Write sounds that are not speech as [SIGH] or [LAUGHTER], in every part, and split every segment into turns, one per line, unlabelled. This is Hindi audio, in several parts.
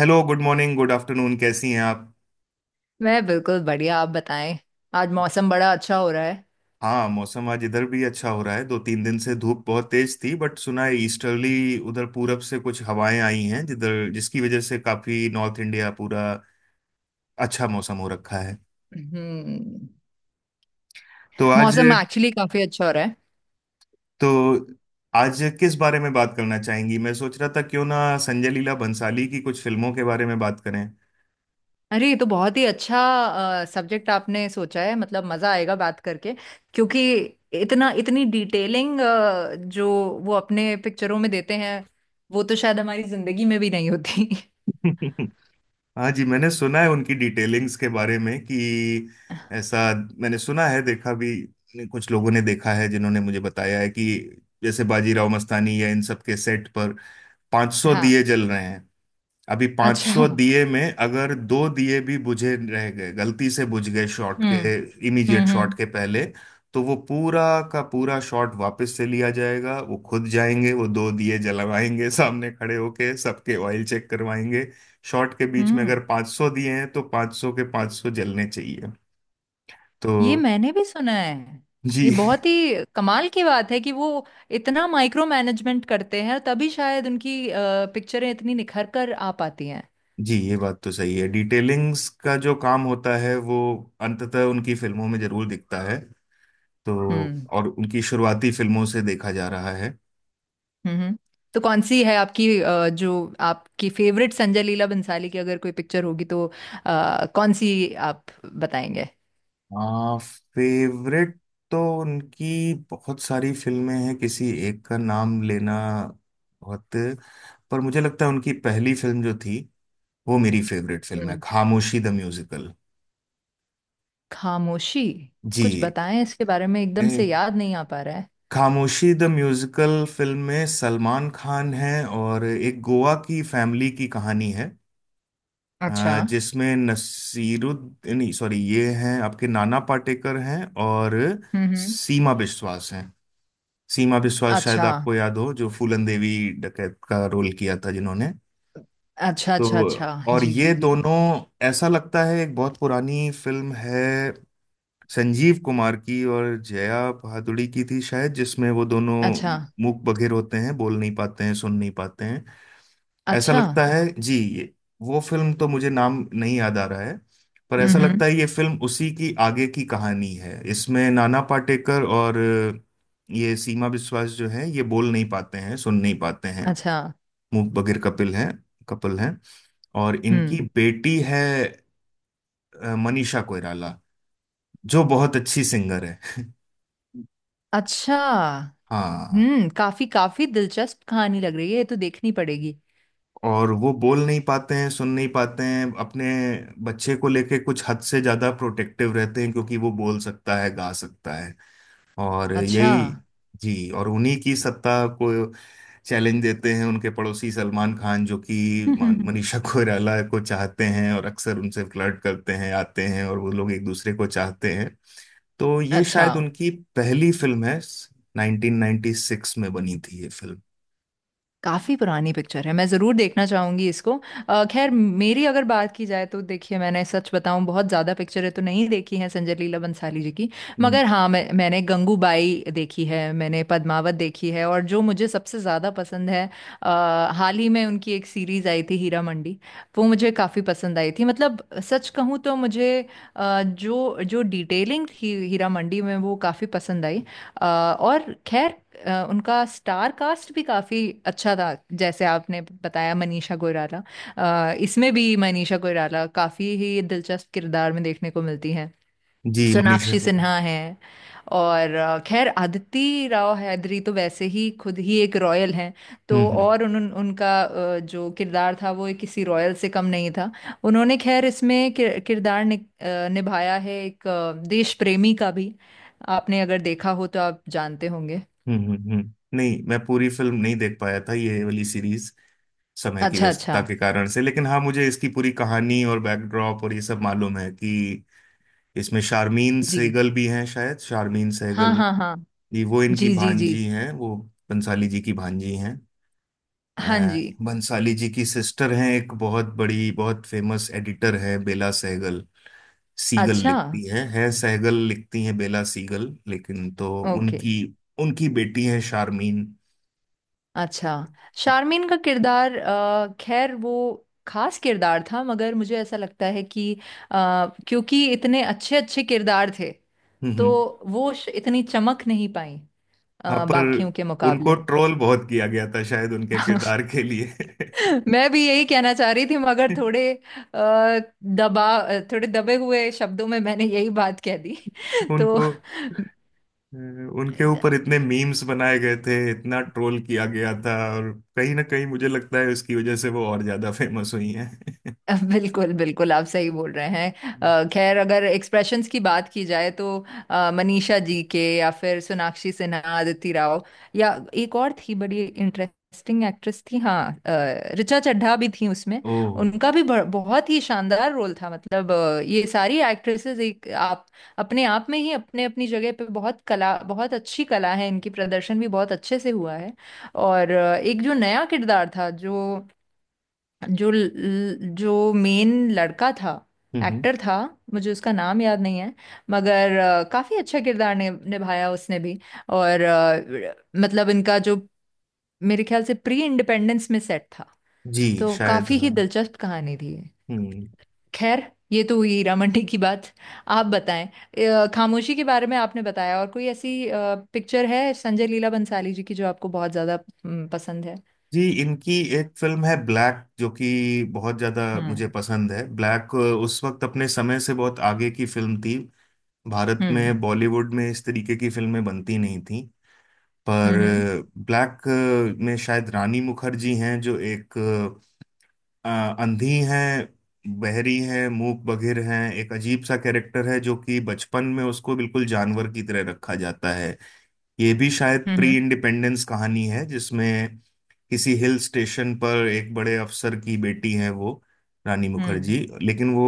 Hello, good morning, good afternoon. कैसी हैं आप?
मैं बिल्कुल बढ़िया। आप बताएं। आज मौसम बड़ा अच्छा हो रहा है।
हाँ, मौसम आज इधर भी अच्छा हो रहा है। दो तीन दिन से धूप बहुत तेज थी, बट सुना है ईस्टर्ली उधर पूरब से कुछ हवाएं आई हैं, जिधर जिसकी वजह से काफी नॉर्थ इंडिया पूरा अच्छा मौसम हो रखा है।
हम्म
तो आज
मौसम एक्चुअली काफी अच्छा हो रहा है।
तो आज किस बारे में बात करना चाहेंगी? मैं सोच रहा था क्यों ना संजय लीला भंसाली की कुछ फिल्मों के बारे में बात
अरे ये तो बहुत ही अच्छा सब्जेक्ट आपने सोचा है, मतलब मजा आएगा बात करके। क्योंकि इतना इतनी डिटेलिंग जो वो अपने पिक्चरों में देते हैं, वो तो शायद हमारी जिंदगी में भी नहीं होती [LAUGHS]
करें। [LAUGHS] हाँ जी, मैंने सुना है उनकी डिटेलिंग्स के बारे में कि ऐसा। मैंने सुना है, देखा भी, कुछ लोगों ने देखा है जिन्होंने मुझे बताया है कि जैसे बाजीराव मस्तानी या इन सब के सेट पर 500 दिए
हाँ।
जल रहे हैं। अभी
अच्छा।
500 दिए में अगर दो दिए भी बुझे रह गए, गलती से बुझ गए शॉट
हम्म।
के,
हम्म।
इमीडिएट शॉट
हम्म।
के पहले, तो वो पूरा का पूरा शॉट वापस से लिया जाएगा। वो खुद जाएंगे, वो दो दिए जलवाएंगे, सामने खड़े होके सबके ऑयल चेक करवाएंगे। शॉट के बीच में अगर
हम्म।
500 दिए हैं तो 500 के 500 जलने चाहिए।
ये
तो
मैंने भी सुना है। ये
जी,
बहुत ही कमाल की बात है कि वो इतना माइक्रो मैनेजमेंट करते हैं, तभी शायद उनकी पिक्चरें इतनी निखर कर आ पाती हैं।
जी, ये बात तो सही है। डिटेलिंग्स का जो काम होता है वो अंततः उनकी फिल्मों में जरूर दिखता है। तो
हम्म।
और उनकी शुरुआती फिल्मों से देखा जा रहा है।
हम्म। तो कौन सी है आपकी जो आपकी फेवरेट संजय लीला भंसाली की अगर कोई पिक्चर होगी तो कौन सी आप बताएंगे।
आ, फेवरेट तो उनकी बहुत सारी फिल्में हैं, किसी एक का नाम लेना बहुत। पर मुझे लगता है उनकी पहली फिल्म जो थी वो मेरी फेवरेट फिल्म है,
हम्म।
Khamoshi the musical.
खामोशी। कुछ
जी।
बताएं इसके बारे में, एकदम
ए,
से याद नहीं आ पा रहा है।
खामोशी द म्यूजिकल फिल्म में सलमान खान है और एक गोवा की फैमिली की कहानी है।
अच्छा।
जिसमें नसीरुद्दीन नहीं, सॉरी, ये हैं आपके, नाना पाटेकर हैं और
हम्म। हम्म।
सीमा विश्वास हैं। सीमा विश्वास शायद
अच्छा,
आपको याद हो, जो फूलन देवी डकैत का रोल किया था जिन्होंने।
अच्छा, अच्छा। अच्छा।
तो और
जी जी
ये
जी।
दोनों, ऐसा लगता है एक बहुत पुरानी फिल्म है, संजीव कुमार की और जया भादुड़ी की थी शायद, जिसमें वो दोनों
अच्छा।
मूक बधिर होते हैं, बोल नहीं पाते हैं, सुन नहीं पाते हैं। ऐसा
अच्छा।
लगता है जी, ये वो फिल्म तो मुझे नाम नहीं याद आ रहा है। पर
हम्म।
ऐसा लगता
हम्म।
है ये फिल्म उसी की आगे की कहानी है। इसमें नाना पाटेकर और ये सीमा विश्वास जो है, ये बोल नहीं पाते हैं, सुन नहीं पाते हैं,
अच्छा।
मूक बधिर कपिल हैं, कपिल हैं। और इनकी
हम्म।
बेटी है मनीषा कोइराला, जो बहुत अच्छी सिंगर है। [LAUGHS]
अच्छा।
हाँ।
हम्म, काफी काफी दिलचस्प कहानी लग रही है, ये तो देखनी पड़ेगी।
और वो बोल नहीं पाते हैं, सुन नहीं पाते हैं, अपने बच्चे को लेके कुछ हद से ज्यादा प्रोटेक्टिव रहते हैं, क्योंकि वो बोल सकता है, गा सकता है। और
अच्छा।
यही जी। और उन्हीं की सत्ता को चैलेंज देते हैं उनके पड़ोसी सलमान खान, जो कि मन-
[LAUGHS]
मनीषा कोइराला को चाहते हैं और अक्सर उनसे फ्लर्ट करते हैं, आते हैं, और वो लोग एक दूसरे को चाहते हैं। तो ये
अच्छा।
शायद उनकी पहली फिल्म है, 1996 में बनी थी ये फिल्म।
काफी पुरानी पिक्चर है, मैं जरूर देखना चाहूंगी इसको। खैर, मेरी अगर बात की जाए तो देखिए, मैंने सच बताऊं, बहुत ज्यादा पिक्चरें तो नहीं देखी हैं संजय लीला बंसाली जी की।
हम्म।
मगर हाँ, मैंने गंगूबाई देखी है, मैंने पद्मावत देखी है, और जो मुझे सबसे ज्यादा पसंद है, अ, हाल ही में उनकी एक सीरीज आई थी हीरा मंडी, वो मुझे काफी पसंद आई थी। मतलब सच कहूँ तो मुझे जो जो डिटेलिंग थी हीरा मंडी में, वो काफी पसंद आई। और खैर, उनका स्टार कास्ट भी काफी अच्छा था। जैसे आपने बताया, मनीषा कोइराला, इसमें भी मनीषा कोइराला काफी ही दिलचस्प किरदार में देखने को मिलती हैं।
जी, मनीषा
सोनाक्षी
कोइराला।
सिन्हा हैं, और खैर अदिति राव हैदरी तो वैसे ही खुद ही एक रॉयल हैं।
हम्म
तो
हम्म।
और उन, उन उनका जो किरदार था, वो किसी रॉयल से कम नहीं था। उन्होंने, खैर इसमें किरदार निभाया है एक देश प्रेमी का भी। आपने अगर देखा हो तो आप जानते होंगे।
नहीं, मैं पूरी फिल्म नहीं देख पाया था ये वाली सीरीज, समय की
अच्छा,
व्यस्तता
अच्छा।
के कारण से। लेकिन हाँ, मुझे इसकी पूरी कहानी और बैकड्रॉप और ये सब मालूम है कि इसमें शारमीन
जी।
सहगल भी हैं शायद, शारमीन
हाँ
सहगल,
हाँ हाँ।
ये वो इनकी
जी जी जी।
भांजी हैं, वो बंसाली जी की भांजी हैं। अ,
हाँ जी।
बंसाली जी की सिस्टर हैं, एक बहुत बड़ी बहुत फेमस एडिटर है, बेला सहगल। सीगल
अच्छा।
लिखती है सहगल लिखती हैं बेला सीगल, लेकिन तो
ओके।
उनकी उनकी बेटी है शारमीन।
अच्छा, शारमीन का किरदार, खैर वो खास किरदार था, मगर मुझे ऐसा लगता है कि अ, क्योंकि इतने अच्छे अच्छे किरदार थे,
हम्म
तो
हम्म।
वो इतनी चमक नहीं पाई
हाँ, पर
बाकियों के
उनको
मुकाबले।
ट्रोल बहुत किया गया था शायद, उनके किरदार
[LAUGHS]
के लिए।
मैं भी यही कहना चाह रही थी, मगर थोड़े
[LAUGHS]
थोड़े दबे हुए शब्दों में मैंने यही बात कह दी। [LAUGHS] तो
उनको अ, उनके ऊपर इतने मीम्स बनाए गए थे, इतना ट्रोल किया गया था, और कहीं ना कहीं मुझे लगता है उसकी वजह से वो और ज्यादा फेमस हुई हैं।
[LAUGHS] बिल्कुल बिल्कुल, आप सही बोल रहे हैं।
[LAUGHS]
खैर, अगर एक्सप्रेशंस की बात की जाए तो मनीषा जी के, या फिर सोनाक्षी सिन्हा, अदिति राव, या एक और थी बड़ी इंटरेस्टिंग एक्ट्रेस थी, हाँ ऋचा चड्ढा भी थी उसमें।
ओह।
उनका भी बहुत ही शानदार रोल था। मतलब ये सारी एक्ट्रेसेस एक आप अपने आप में ही अपने अपनी जगह पे बहुत कला, बहुत अच्छी कला है इनकी, प्रदर्शन भी बहुत अच्छे से हुआ है। और एक जो नया किरदार था, जो जो जो मेन लड़का था,
हम्म हम्म।
एक्टर था, मुझे उसका नाम याद नहीं है, मगर काफी अच्छा किरदार निभाया उसने भी। और मतलब इनका जो, मेरे ख्याल से प्री इंडिपेंडेंस में सेट था,
जी,
तो
शायद
काफी ही
हाँ।
दिलचस्प कहानी थी ये।
हम्म।
खैर, ये तो हुई हीरा मंडी की बात। आप बताएं, खामोशी के बारे में आपने बताया, और कोई ऐसी पिक्चर है संजय लीला बंसाली जी की जो आपको बहुत ज्यादा, पसंद है।
जी, इनकी एक फिल्म है ब्लैक, जो कि बहुत ज्यादा मुझे
हम्म।
पसंद है। ब्लैक उस वक्त अपने समय से बहुत आगे की फिल्म थी। भारत
हम्म।
में, बॉलीवुड में इस तरीके की फिल्में बनती नहीं थी। पर
हम्म।
ब्लैक में शायद रानी मुखर्जी हैं, जो एक अ, अंधी हैं, बहरी हैं, मूक बधिर हैं, एक अजीब सा कैरेक्टर है, जो कि बचपन में उसको बिल्कुल जानवर की तरह रखा जाता है। ये भी शायद
हम्म।
प्री
हम्म।
इंडिपेंडेंस कहानी है जिसमें किसी हिल स्टेशन पर एक बड़े अफसर की बेटी है, वो रानी
हम्म।
मुखर्जी, लेकिन वो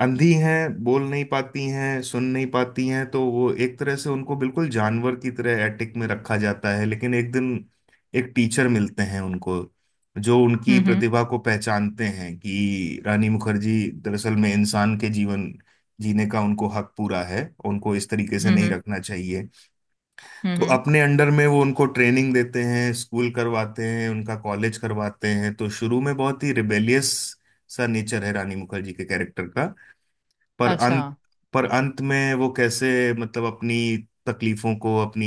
अंधी हैं, बोल नहीं पाती हैं, सुन नहीं पाती हैं। तो वो एक तरह से उनको बिल्कुल जानवर की तरह एटिक में रखा जाता है। लेकिन एक दिन एक टीचर मिलते हैं उनको, जो उनकी
हम्म।
प्रतिभा को पहचानते हैं कि रानी मुखर्जी दरअसल में इंसान के जीवन जीने का उनको हक पूरा है, उनको इस तरीके से नहीं
हम्म।
रखना चाहिए।
हम्म।
तो अपने अंडर में वो उनको ट्रेनिंग देते हैं, स्कूल करवाते हैं, उनका कॉलेज करवाते हैं। तो शुरू में बहुत ही रिबेलियस सा नेचर है रानी मुखर्जी के कैरेक्टर का। पर
अच्छा।
अंत पर अंत में वो कैसे, मतलब अपनी तकलीफों को, अपनी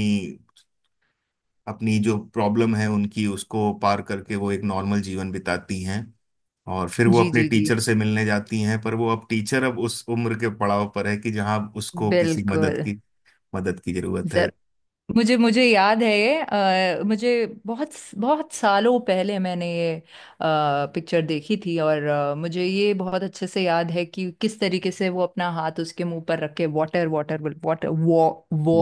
अपनी जो प्रॉब्लम है उनकी, उसको पार करके वो एक नॉर्मल जीवन बिताती हैं। और फिर वो
जी
अपने
जी जी।
टीचर से मिलने जाती हैं, पर वो अब टीचर अब उस उम्र के पड़ाव पर है कि जहाँ उसको किसी मदद
बिल्कुल।
की मदद की जरूरत है।
जर मुझे मुझे याद है ये। मुझे बहुत बहुत सालों पहले मैंने ये पिक्चर देखी थी, और मुझे ये बहुत अच्छे से याद है कि किस तरीके से वो अपना हाथ उसके मुंह पर रख के वाटर वाटर वाटर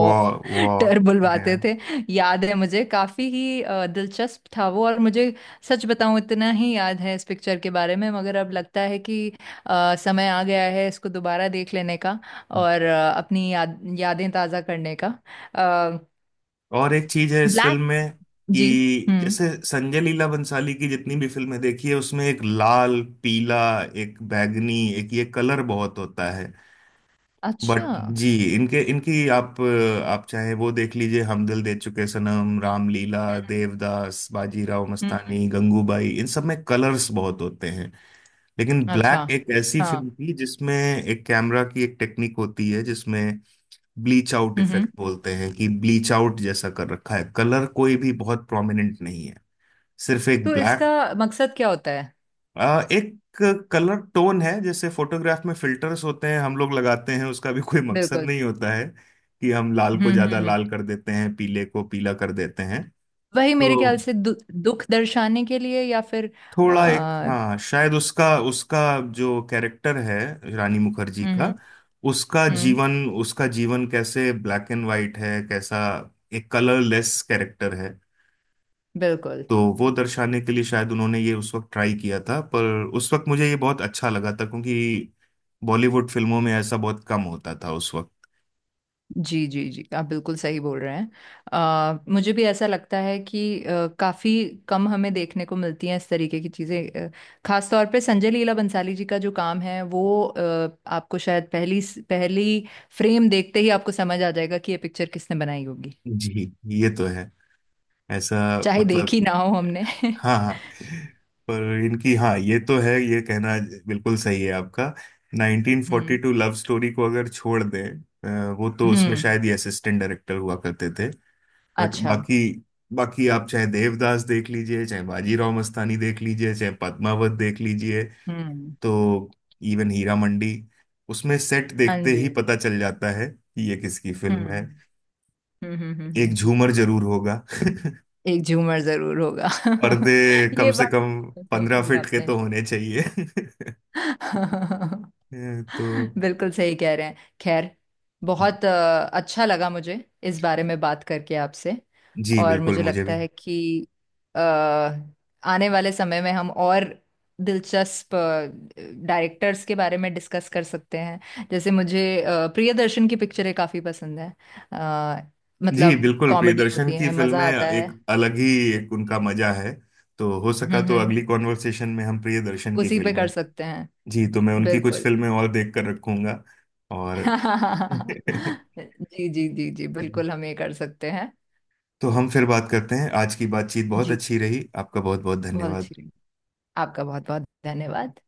वो वो
डर बुलवाते थे। याद है मुझे, काफी ही दिलचस्प था वो। और मुझे सच बताऊं, इतना ही याद है इस पिक्चर के बारे में। मगर अब लगता है कि समय आ गया है इसको दोबारा देख लेने का और अपनी यादें ताज़ा करने का।
और एक चीज है इस
ब्लैक।
फिल्म में
जी।
कि
हम्म।
जैसे संजय लीला बंसाली की जितनी भी फिल्में देखी है, उसमें एक लाल, पीला, एक बैगनी, एक ये कलर बहुत होता है।
अच्छा।
बट
हम्म।
जी, इनके इनकी आप चाहे वो देख लीजिए, हम दिल दे चुके सनम, रामलीला, देवदास, बाजीराव
हम्म,
मस्तानी, गंगूबाई, इन सब में कलर्स बहुत होते हैं। लेकिन
अच्छा।
ब्लैक एक ऐसी
हाँ।
फिल्म थी जिसमें, एक कैमरा की एक टेक्निक होती है जिसमें ब्लीच आउट
हम्म। हम्म।
इफेक्ट बोलते हैं, कि ब्लीच आउट जैसा कर रखा है, कलर कोई भी बहुत प्रोमिनेंट नहीं है, सिर्फ एक
तो
ब्लैक।
इसका मकसद क्या होता है।
एक कलर टोन है, जैसे फोटोग्राफ में फिल्टर्स होते हैं, हम लोग लगाते हैं, उसका भी कोई मकसद
बिल्कुल।
नहीं होता है कि हम लाल
हम्म।
को
हम्म।
ज्यादा
हम्म।
लाल कर देते हैं, पीले को पीला कर देते हैं।
वही मेरे ख्याल
तो
से दुख दर्शाने के लिए, या फिर
थोड़ा एक,
आ,
हाँ, शायद उसका उसका जो कैरेक्टर है रानी मुखर्जी का, उसका
हम्म।
जीवन उसका जीवन कैसे ब्लैक एंड वाइट है, कैसा एक कलरलेस कैरेक्टर है।
बिल्कुल।
तो वो दर्शाने के लिए शायद उन्होंने ये उस वक्त ट्राई किया था। पर उस वक्त मुझे ये बहुत अच्छा लगा था क्योंकि बॉलीवुड फिल्मों में ऐसा बहुत कम होता था उस वक्त।
जी जी जी, आप बिल्कुल सही बोल रहे हैं। मुझे भी ऐसा लगता है कि काफी कम हमें देखने को मिलती हैं इस तरीके की चीजें। खास तौर पे संजय लीला बंसाली जी का जो काम है, वो आपको शायद पहली पहली फ्रेम देखते ही आपको समझ आ जाएगा कि ये पिक्चर किसने बनाई होगी,
जी। [LAUGHS] ये तो है ऐसा,
चाहे
मतलब,
देखी ना हो हमने [LAUGHS]
हाँ हाँ। पर इनकी, हाँ, ये तो है, ये कहना बिल्कुल सही है आपका।
हम्म।
1942 लव स्टोरी को अगर छोड़ दें, वो तो उसमें
हम्म।
शायद ये असिस्टेंट डायरेक्टर हुआ करते थे। बट
अच्छा।
बाकी बाकी आप चाहे देवदास देख लीजिए, चाहे बाजीराव मस्तानी देख लीजिए, चाहे पद्मावत देख लीजिए।
हम्म।
तो इवन हीरा मंडी, उसमें सेट
हाँ
देखते ही
जी।
पता चल जाता है कि ये किसकी
हम्म।
फिल्म है।
हम्म। हम्म। हम्म। हम्म,
एक
हम्म।
झूमर जरूर होगा। [LAUGHS]
एक झूमर जरूर होगा
पर्दे
[LAUGHS]
कम
ये
से
बात
कम
तो सही
पंद्रह
कही
फीट के
आपने।
तो होने चाहिए। [LAUGHS]
[LAUGHS]
तो
बिल्कुल सही कह रहे हैं। खैर, बहुत अच्छा लगा मुझे इस बारे में बात करके आपसे।
जी,
और
बिल्कुल,
मुझे
मुझे
लगता
भी।
है कि अ, आने वाले समय में हम और दिलचस्प डायरेक्टर्स के बारे में डिस्कस कर सकते हैं। जैसे मुझे प्रियदर्शन की पिक्चरें काफ़ी पसंद हैं, अ,
जी,
मतलब
बिल्कुल,
कॉमेडी
प्रियदर्शन
होती
की
है,
फिल्में
मज़ा आता
एक
है।
अलग ही, एक उनका मजा है। तो हो
हम्म।
सका तो
हम्म।
अगली
हम्म।
कॉन्वर्सेशन में हम प्रियदर्शन की
उसी पे
फिल्में।
कर सकते हैं।
जी, तो मैं उनकी कुछ
बिल्कुल।
फिल्में और देख कर रखूंगा। और।
[LAUGHS]
[LAUGHS]
जी जी जी जी, बिल्कुल, हम ये कर सकते हैं।
तो हम फिर बात करते हैं। आज की बातचीत बहुत
जी,
अच्छी रही, आपका बहुत बहुत
बहुत
धन्यवाद।
अच्छी लगी। आपका बहुत बहुत धन्यवाद।